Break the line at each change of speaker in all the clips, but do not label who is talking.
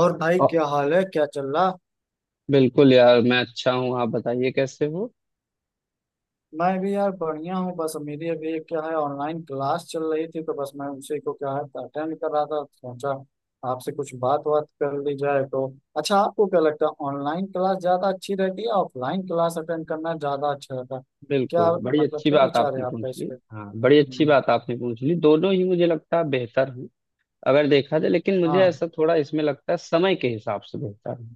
और भाई
अ,
क्या हाल है, क्या चल रहा।
बिल्कुल यार मैं अच्छा हूँ। आप बताइए कैसे हो।
मैं भी यार बढ़िया हूँ। बस मेरी अभी एक क्या है, ऑनलाइन क्लास चल रही थी तो बस मैं उसी को क्या है अटेंड कर रहा था। सोचा आपसे कुछ बात बात कर ली जाए तो। अच्छा, आपको क्या लगता है, ऑनलाइन क्लास ज्यादा अच्छी रहती है या ऑफलाइन क्लास अटेंड करना ज्यादा अच्छा रहता है? क्या
बिल्कुल, बड़ी
मतलब,
अच्छी
क्या
बात
विचार है
आपने
आपका
पूछ
इस
ली,
पे?
हाँ बड़ी अच्छी
हम्म।
बात आपने पूछ ली। दोनों ही मुझे लगता है बेहतर हैं। अगर देखा जाए, लेकिन मुझे
हाँ।
ऐसा थोड़ा इसमें लगता है, समय के हिसाब से बेहतर है।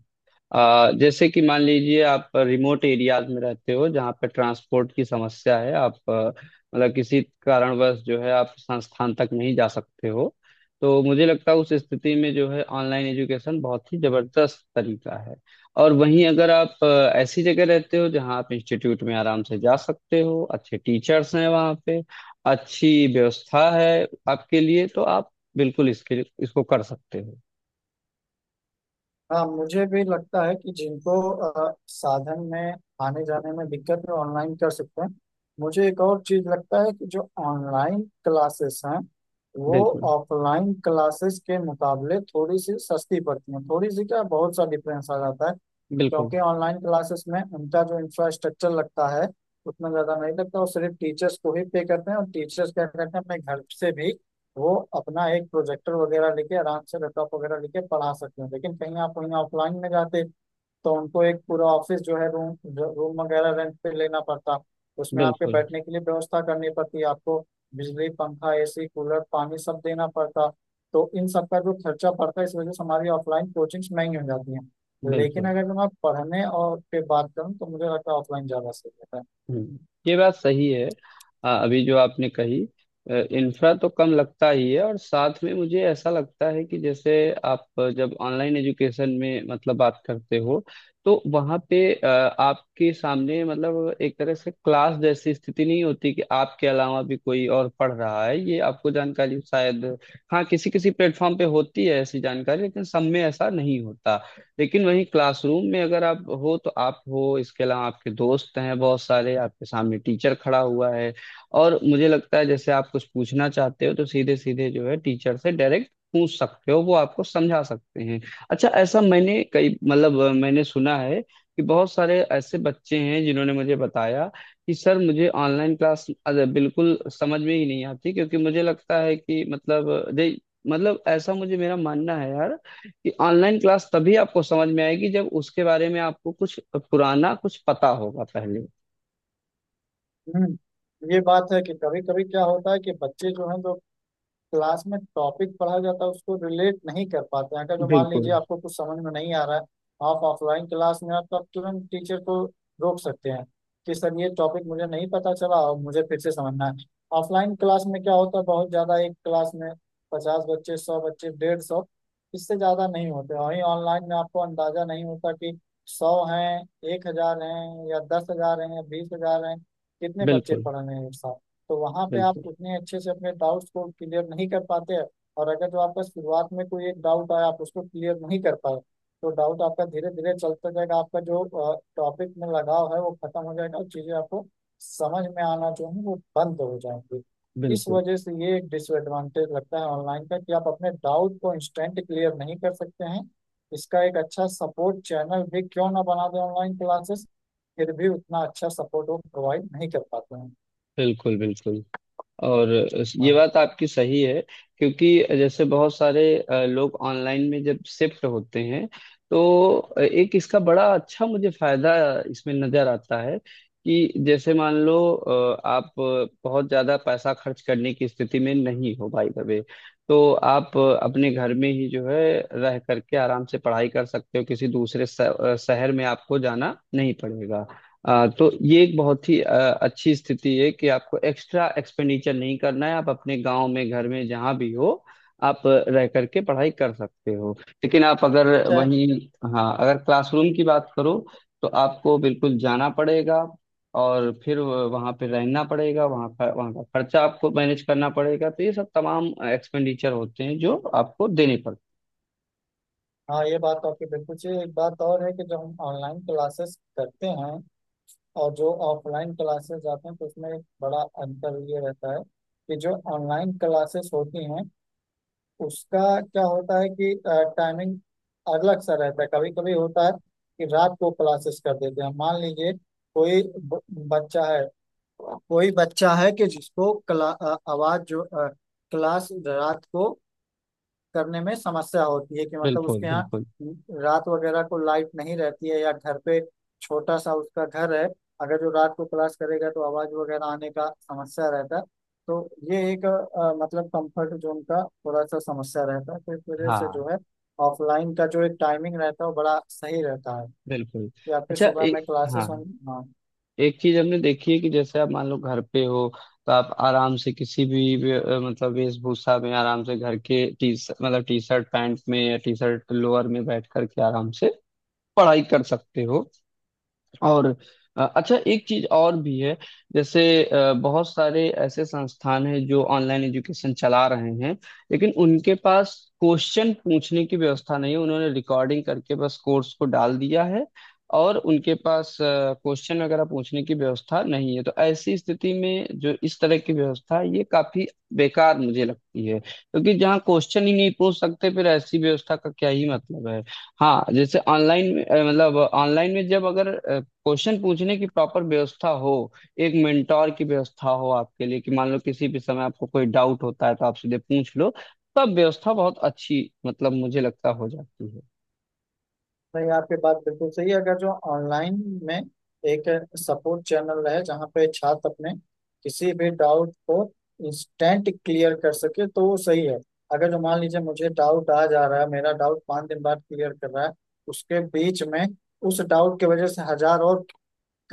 जैसे कि मान लीजिए आप रिमोट एरियाज में रहते हो जहाँ पे ट्रांसपोर्ट की समस्या है, आप मतलब किसी कारणवश जो है आप संस्थान तक नहीं जा सकते हो। तो मुझे लगता है उस स्थिति में जो है ऑनलाइन एजुकेशन बहुत ही जबरदस्त तरीका है। और वहीं अगर आप ऐसी जगह रहते हो जहाँ आप इंस्टीट्यूट में आराम से जा सकते हो, अच्छे टीचर्स हैं वहाँ पे, अच्छी व्यवस्था है आपके लिए, तो आप बिल्कुल इसके इसको कर सकते हो।
हाँ, मुझे भी लगता है कि जिनको साधन में आने जाने में दिक्कत है, ऑनलाइन कर सकते हैं। मुझे एक और चीज लगता है कि जो ऑनलाइन क्लासेस हैं वो
बिल्कुल,
ऑफलाइन क्लासेस के मुकाबले थोड़ी सी सस्ती पड़ती हैं। थोड़ी सी क्या, बहुत सा डिफरेंस आ जाता है,
बिल्कुल,
क्योंकि ऑनलाइन क्लासेस में उनका जो इंफ्रास्ट्रक्चर लगता है उतना ज्यादा नहीं लगता। वो सिर्फ टीचर्स को ही पे करते हैं, और टीचर्स क्या करते हैं, अपने घर से भी वो अपना एक प्रोजेक्टर वगैरह लेके आराम से, लैपटॉप वगैरह लेके पढ़ा सकते हैं। लेकिन कहीं आप वहीं ऑफलाइन में जाते तो उनको एक पूरा ऑफिस जो है, रूम रूम वगैरह रेंट पे लेना पड़ता। उसमें आपके
बिल्कुल,
बैठने के लिए व्यवस्था करनी पड़ती आपको। बिजली, पंखा, एसी, कूलर, पानी सब देना पड़ता। तो इन सब का जो खर्चा पड़ता है, इस वजह से हमारी ऑफलाइन कोचिंग्स महंगी हो जाती हैं। लेकिन
बिल्कुल।
अगर मैं पढ़ने और पे बात करूँ तो मुझे लगता है ऑफलाइन ज़्यादा सही रहता है।
हम्म, ये बात सही है। अभी जो आपने कही, इंफ्रा तो कम लगता ही है, और साथ में मुझे ऐसा लगता है कि जैसे आप जब ऑनलाइन एजुकेशन में मतलब बात करते हो, तो वहाँ पे आपके सामने मतलब एक तरह से क्लास जैसी स्थिति नहीं होती कि आपके अलावा भी कोई और पढ़ रहा है, ये आपको जानकारी शायद। हाँ, किसी किसी प्लेटफॉर्म पे होती है ऐसी जानकारी, लेकिन सब में ऐसा नहीं होता। लेकिन वहीं क्लासरूम में अगर आप हो तो आप हो, इसके अलावा आपके दोस्त हैं बहुत सारे, आपके सामने टीचर खड़ा हुआ है। और मुझे लगता है जैसे आप कुछ पूछना चाहते हो, तो सीधे सीधे जो है टीचर से डायरेक्ट पूछ सकते हो, वो आपको समझा सकते हैं। अच्छा, ऐसा मैंने कई मतलब मैंने सुना है कि बहुत सारे ऐसे बच्चे हैं जिन्होंने मुझे बताया कि सर मुझे ऑनलाइन क्लास बिल्कुल समझ में ही नहीं आती, क्योंकि मुझे लगता है कि मतलब दे, मतलब ऐसा मुझे, मेरा मानना है यार, कि ऑनलाइन क्लास तभी आपको समझ में आएगी जब उसके बारे में आपको कुछ पुराना कुछ पता होगा पहले।
हम्म, ये बात है कि कभी कभी क्या होता है कि बच्चे जो हैं, जो क्लास में टॉपिक पढ़ा जाता है उसको रिलेट नहीं कर पाते हैं। अगर जो मान
बिल्कुल,
लीजिए आपको कुछ समझ में नहीं आ रहा है, आप ऑफलाइन क्लास में आप तो आप तुरंत टीचर को रोक सकते हैं कि सर, ये टॉपिक मुझे नहीं पता चला और मुझे फिर से समझना है। ऑफलाइन क्लास में क्या होता है, बहुत ज़्यादा एक क्लास में 50 बच्चे, 100 बच्चे, 150, इससे ज़्यादा नहीं होते। वहीं ऑनलाइन में आपको अंदाजा नहीं होता कि 100 हैं, 1,000 हैं, या 10,000 हैं या 20,000 हैं, कितने बच्चे
बिल्कुल,
पढ़ रहे हैं एक साथ। तो वहां पे आप
बिल्कुल,
उतने अच्छे से अपने डाउट्स को क्लियर नहीं कर पाते हैं। और अगर जो आपका शुरुआत में कोई एक डाउट आया, आप उसको क्लियर नहीं कर पाए, तो डाउट आपका धीरे धीरे चलता जाएगा, आपका जो टॉपिक में लगाव है वो खत्म हो जाएगा और चीजें आपको समझ में आना जो है वो बंद हो जाएंगी। इस
बिल्कुल,
वजह से ये एक डिसएडवांटेज लगता है ऑनलाइन का कि आप अपने डाउट को इंस्टेंट क्लियर नहीं कर सकते हैं। इसका एक अच्छा सपोर्ट चैनल भी क्यों ना बना दें ऑनलाइन क्लासेस, फिर भी उतना अच्छा सपोर्ट वो प्रोवाइड नहीं कर पाते हैं।
बिल्कुल, बिल्कुल, बिल्कुल। और ये
हाँ।
बात आपकी सही है। क्योंकि जैसे बहुत सारे लोग ऑनलाइन में जब शिफ्ट होते हैं, तो एक इसका बड़ा अच्छा मुझे फायदा इसमें नजर आता है। कि जैसे मान लो आप बहुत ज्यादा पैसा खर्च करने की स्थिति में नहीं हो भाई वे, तो आप अपने घर में ही जो है रह करके आराम से पढ़ाई कर सकते हो, किसी दूसरे शहर में आपको जाना नहीं पड़ेगा। तो ये एक बहुत ही अच्छी स्थिति है कि आपको एक्स्ट्रा एक्सपेंडिचर नहीं करना है, आप अपने गांव में घर में जहां भी हो, आप रह करके पढ़ाई कर सकते हो। लेकिन आप अगर
अच्छा।
वहीं, हाँ, अगर क्लासरूम की बात करो तो आपको बिल्कुल जाना पड़ेगा, और फिर वहां पे रहना पड़ेगा, वहां पर वहां का खर्चा आपको मैनेज करना पड़ेगा, तो ये सब तमाम एक्सपेंडिचर होते हैं जो आपको देने पड़ते
हाँ, ये बात तो आपकी बिल्कुल सही है। एक बात और है कि जो हम ऑनलाइन क्लासेस करते हैं और जो ऑफलाइन क्लासेस जाते हैं, तो उसमें एक बड़ा अंतर ये रहता है कि जो ऑनलाइन क्लासेस होती हैं उसका क्या होता है कि टाइमिंग अलग सा रहता है। कभी कभी होता है कि रात को क्लासेस कर देते हैं। मान लीजिए कोई बच्चा है, कोई बच्चा है कि जिसको आवाज जो क्लास रात को करने में समस्या होती है कि
हैं।
मतलब
बिल्कुल,
उसके यहाँ
बिल्कुल,
रात वगैरह को लाइट नहीं रहती है, या घर पे छोटा सा उसका घर है, अगर जो रात को क्लास करेगा तो आवाज वगैरह आने का समस्या रहता है। तो ये एक मतलब कंफर्ट जोन का थोड़ा सा समस्या रहता है। तो इस वजह से जो
हाँ,
है, ऑफलाइन का जो एक टाइमिंग रहता है वो बड़ा सही रहता है
बिल्कुल।
कि आपके
अच्छा,
सुबह में
एक, हाँ,
क्लासेस हों। हाँ,
एक चीज हमने देखी है कि जैसे आप मान लो घर पे हो, तो आप आराम से किसी भी मतलब वेशभूषा में, आराम से घर के टी, मतलब टी शर्ट पैंट में या टी शर्ट लोअर में बैठ करके आराम से पढ़ाई कर सकते हो। और अच्छा, एक चीज और भी है। जैसे बहुत सारे ऐसे संस्थान हैं जो ऑनलाइन एजुकेशन चला रहे हैं, लेकिन उनके पास क्वेश्चन पूछने की व्यवस्था नहीं है, उन्होंने रिकॉर्डिंग करके बस कोर्स को डाल दिया है, और उनके पास क्वेश्चन वगैरह पूछने की व्यवस्था नहीं है, तो ऐसी स्थिति में जो इस तरह की व्यवस्था है ये काफी बेकार मुझे लगती है, क्योंकि जहाँ क्वेश्चन ही नहीं पूछ सकते फिर ऐसी व्यवस्था का क्या ही मतलब है। हाँ, जैसे ऑनलाइन में मतलब ऑनलाइन में जब अगर क्वेश्चन पूछने की प्रॉपर व्यवस्था हो, एक मेंटोर की व्यवस्था हो आपके लिए, कि मान लो किसी भी समय आपको कोई डाउट होता है तो आप सीधे पूछ लो, तब व्यवस्था बहुत अच्छी मतलब मुझे लगता हो जाती है।
नहीं आपकी बात बिल्कुल सही है। अगर जो ऑनलाइन में एक सपोर्ट चैनल रहे जहाँ पे छात्र अपने किसी भी डाउट को इंस्टेंट क्लियर कर सके तो वो सही है। अगर जो मान लीजिए मुझे डाउट आ जा रहा है, मेरा डाउट 5 दिन बाद क्लियर कर रहा है, उसके बीच में उस डाउट की वजह से 1,000 और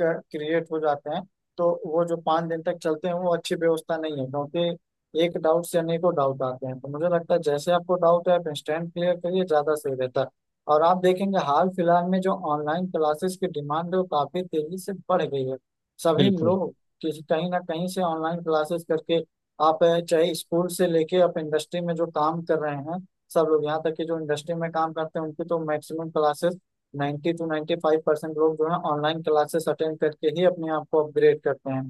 क्रिएट हो जाते हैं, तो वो जो 5 दिन तक चलते हैं वो अच्छी व्यवस्था नहीं है, क्योंकि एक डाउट से अनेकों डाउट आते हैं। तो मुझे लगता है जैसे आपको डाउट है, आप इंस्टेंट क्लियर करिए, ज्यादा सही रहता है। और आप देखेंगे, हाल फिलहाल में जो ऑनलाइन क्लासेस की डिमांड है वो काफी तेजी से बढ़ गई है। सभी
बिल्कुल,
लोग किसी कहीं ना कहीं से ऑनलाइन क्लासेस करके आप चाहे स्कूल से लेके, आप इंडस्ट्री में जो काम कर रहे हैं, सब लोग, यहाँ तक कि जो इंडस्ट्री में काम करते हैं उनकी तो मैक्सिमम क्लासेस, 92 95% परसेंट लोग जो है ऑनलाइन क्लासेस अटेंड करके ही अपने आप को अपग्रेड करते हैं।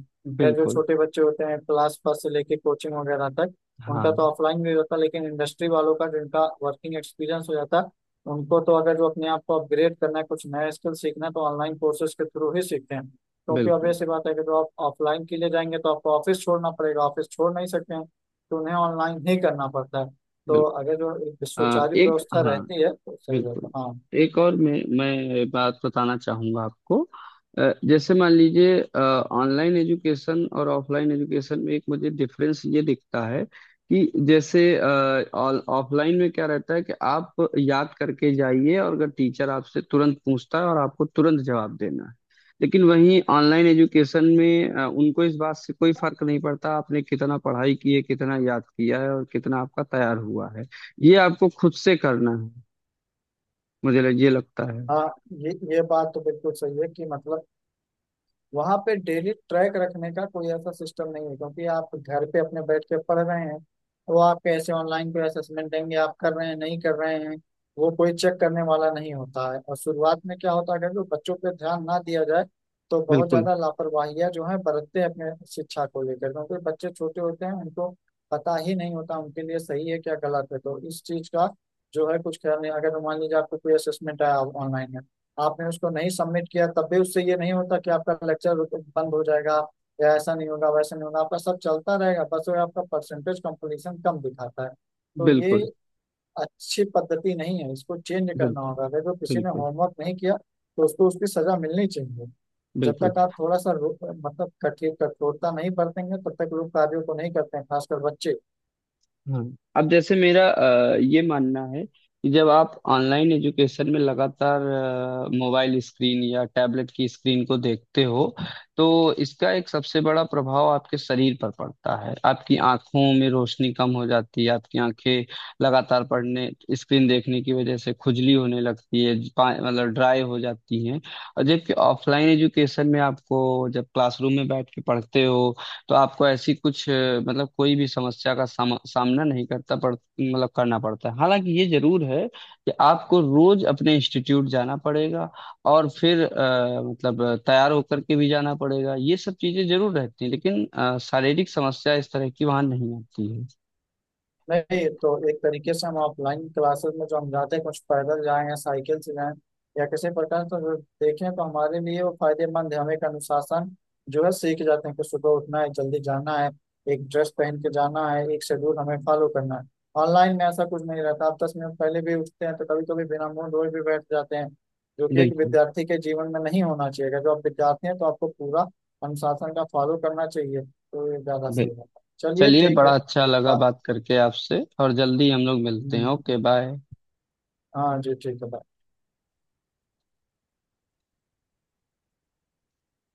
खैर, जो
बिल्कुल,
छोटे बच्चे होते हैं क्लास फर्स्ट से लेके कोचिंग वगैरह तक, उनका तो
हाँ,
ऑफलाइन भी होता है। लेकिन इंडस्ट्री वालों का, जिनका वर्किंग एक्सपीरियंस हो जाता है, उनको तो अगर जो अपने आप को अपग्रेड करना है, कुछ नया स्किल सीखना है, तो ऑनलाइन कोर्सेज के थ्रू ही सीखते हैं, क्योंकि
बिल्कुल,
obvious सी बात है कि जो आप ऑफलाइन के लिए जाएंगे तो आपको ऑफिस छोड़ना पड़ेगा, ऑफिस छोड़ नहीं सकते हैं। तो उन्हें ऑनलाइन ही करना पड़ता है। तो
बिल्कुल,
अगर जो एक सुचारू
एक,
व्यवस्था
हाँ,
रहती है तो सही रहता
बिल्कुल,
है। हाँ।
एक और मैं बात बताना चाहूंगा आपको। जैसे मान लीजिए ऑनलाइन एजुकेशन और ऑफलाइन एजुकेशन में एक मुझे डिफरेंस ये दिखता है, कि जैसे ऑफलाइन में क्या रहता है कि आप याद करके जाइए, और अगर टीचर आपसे तुरंत पूछता है और आपको तुरंत जवाब देना है। लेकिन वहीं ऑनलाइन एजुकेशन में उनको इस बात से कोई फर्क नहीं पड़ता आपने कितना पढ़ाई की है, कितना याद किया है, और कितना आपका तैयार हुआ है, ये आपको खुद से करना है। मुझे ये लगता है।
हाँ, ये बात तो बिल्कुल सही है कि मतलब वहां पे डेली ट्रैक रखने का कोई ऐसा सिस्टम नहीं है, क्योंकि आप घर पे अपने बैठ के पढ़ रहे हैं। तो आप कैसे ऑनलाइन कोई असेसमेंट देंगे, आप कर रहे हैं नहीं कर रहे हैं, वो कोई चेक करने वाला नहीं होता है। और शुरुआत में क्या होता है, अगर जो बच्चों पे ध्यान ना दिया जाए तो बहुत
बिल्कुल,
ज्यादा लापरवाहियां जो है बरतते हैं अपने शिक्षा को लेकर, क्योंकि बच्चे छोटे होते हैं उनको पता ही नहीं होता उनके लिए सही है क्या गलत है। तो इस चीज का जो है कुछ ख्याल नहीं। अगर मान लीजिए आपको कोई असेसमेंट आया ऑनलाइन, आपने उसको नहीं सबमिट किया, तब भी उससे ये नहीं होता कि आपका लेक्चर बंद हो जाएगा, या ऐसा नहीं होगा वैसा नहीं होगा, आपका सब चलता रहेगा, बस वो आपका परसेंटेज कंप्लीशन कम दिखाता है। तो ये
बिल्कुल,
अच्छी पद्धति नहीं है, इसको चेंज करना
बिल्कुल,
होगा। अगर जो किसी ने
बिल्कुल,
होमवर्क नहीं किया तो उसको उसकी सजा मिलनी चाहिए। जब
बिल्कुल,
तक आप थोड़ा सा मतलब कठिन, कठोरता नहीं बरतेंगे, तब तक लोग कार्यों को नहीं करते हैं, खासकर बच्चे।
हाँ। अब जैसे मेरा ये मानना है, कि जब आप ऑनलाइन एजुकेशन में लगातार मोबाइल स्क्रीन या टैबलेट की स्क्रीन को देखते हो, तो इसका एक सबसे बड़ा प्रभाव आपके शरीर पर पड़ता है, आपकी आंखों में रोशनी कम हो जाती है, आपकी आंखें लगातार पढ़ने, स्क्रीन देखने की वजह से खुजली होने लगती है, मतलब ड्राई हो जाती है। और जबकि ऑफलाइन एजुकेशन में आपको जब क्लासरूम में बैठ के पढ़ते हो, तो आपको ऐसी कुछ मतलब कोई भी समस्या का सामना नहीं करता पड़ मतलब करना पड़ता है। हालांकि ये जरूर है कि आपको रोज अपने इंस्टीट्यूट जाना पड़ेगा, और फिर मतलब तैयार होकर के भी जाना पड़ेगा, ये सब चीजें जरूर रहती हैं, लेकिन शारीरिक समस्या इस तरह की वहां नहीं आती है।
नहीं तो एक तरीके से हम ऑफलाइन क्लासेस में जो हम जाते हैं, कुछ पैदल जाएं या साइकिल से जाएं या किसी प्रकार से, अगर देखें तो हमारे लिए वो फायदेमंद है। हम एक अनुशासन जो है सीख जाते हैं कि सुबह उठना है, जल्दी जाना है, एक ड्रेस पहन के जाना है, एक शेड्यूल हमें फॉलो करना है। ऑनलाइन में ऐसा कुछ नहीं रहता, आप 10 मिनट पहले भी उठते हैं तो कभी कभी बिना मुंह धोए भी बैठ जाते हैं, जो कि एक
बिल्कुल,
विद्यार्थी के जीवन में नहीं होना चाहिए। अगर जो आप विद्यार्थी हैं तो आपको पूरा अनुशासन का फॉलो करना चाहिए। तो ये ज्यादा सही
बिल्कुल।
रहता है। चलिए,
चलिए,
ठीक है।
बड़ा अच्छा लगा
बा-
बात करके आपसे, और जल्दी हम लोग मिलते हैं।
हम्म।
Okay, bye.
हाँ जी, ठीक है, bye।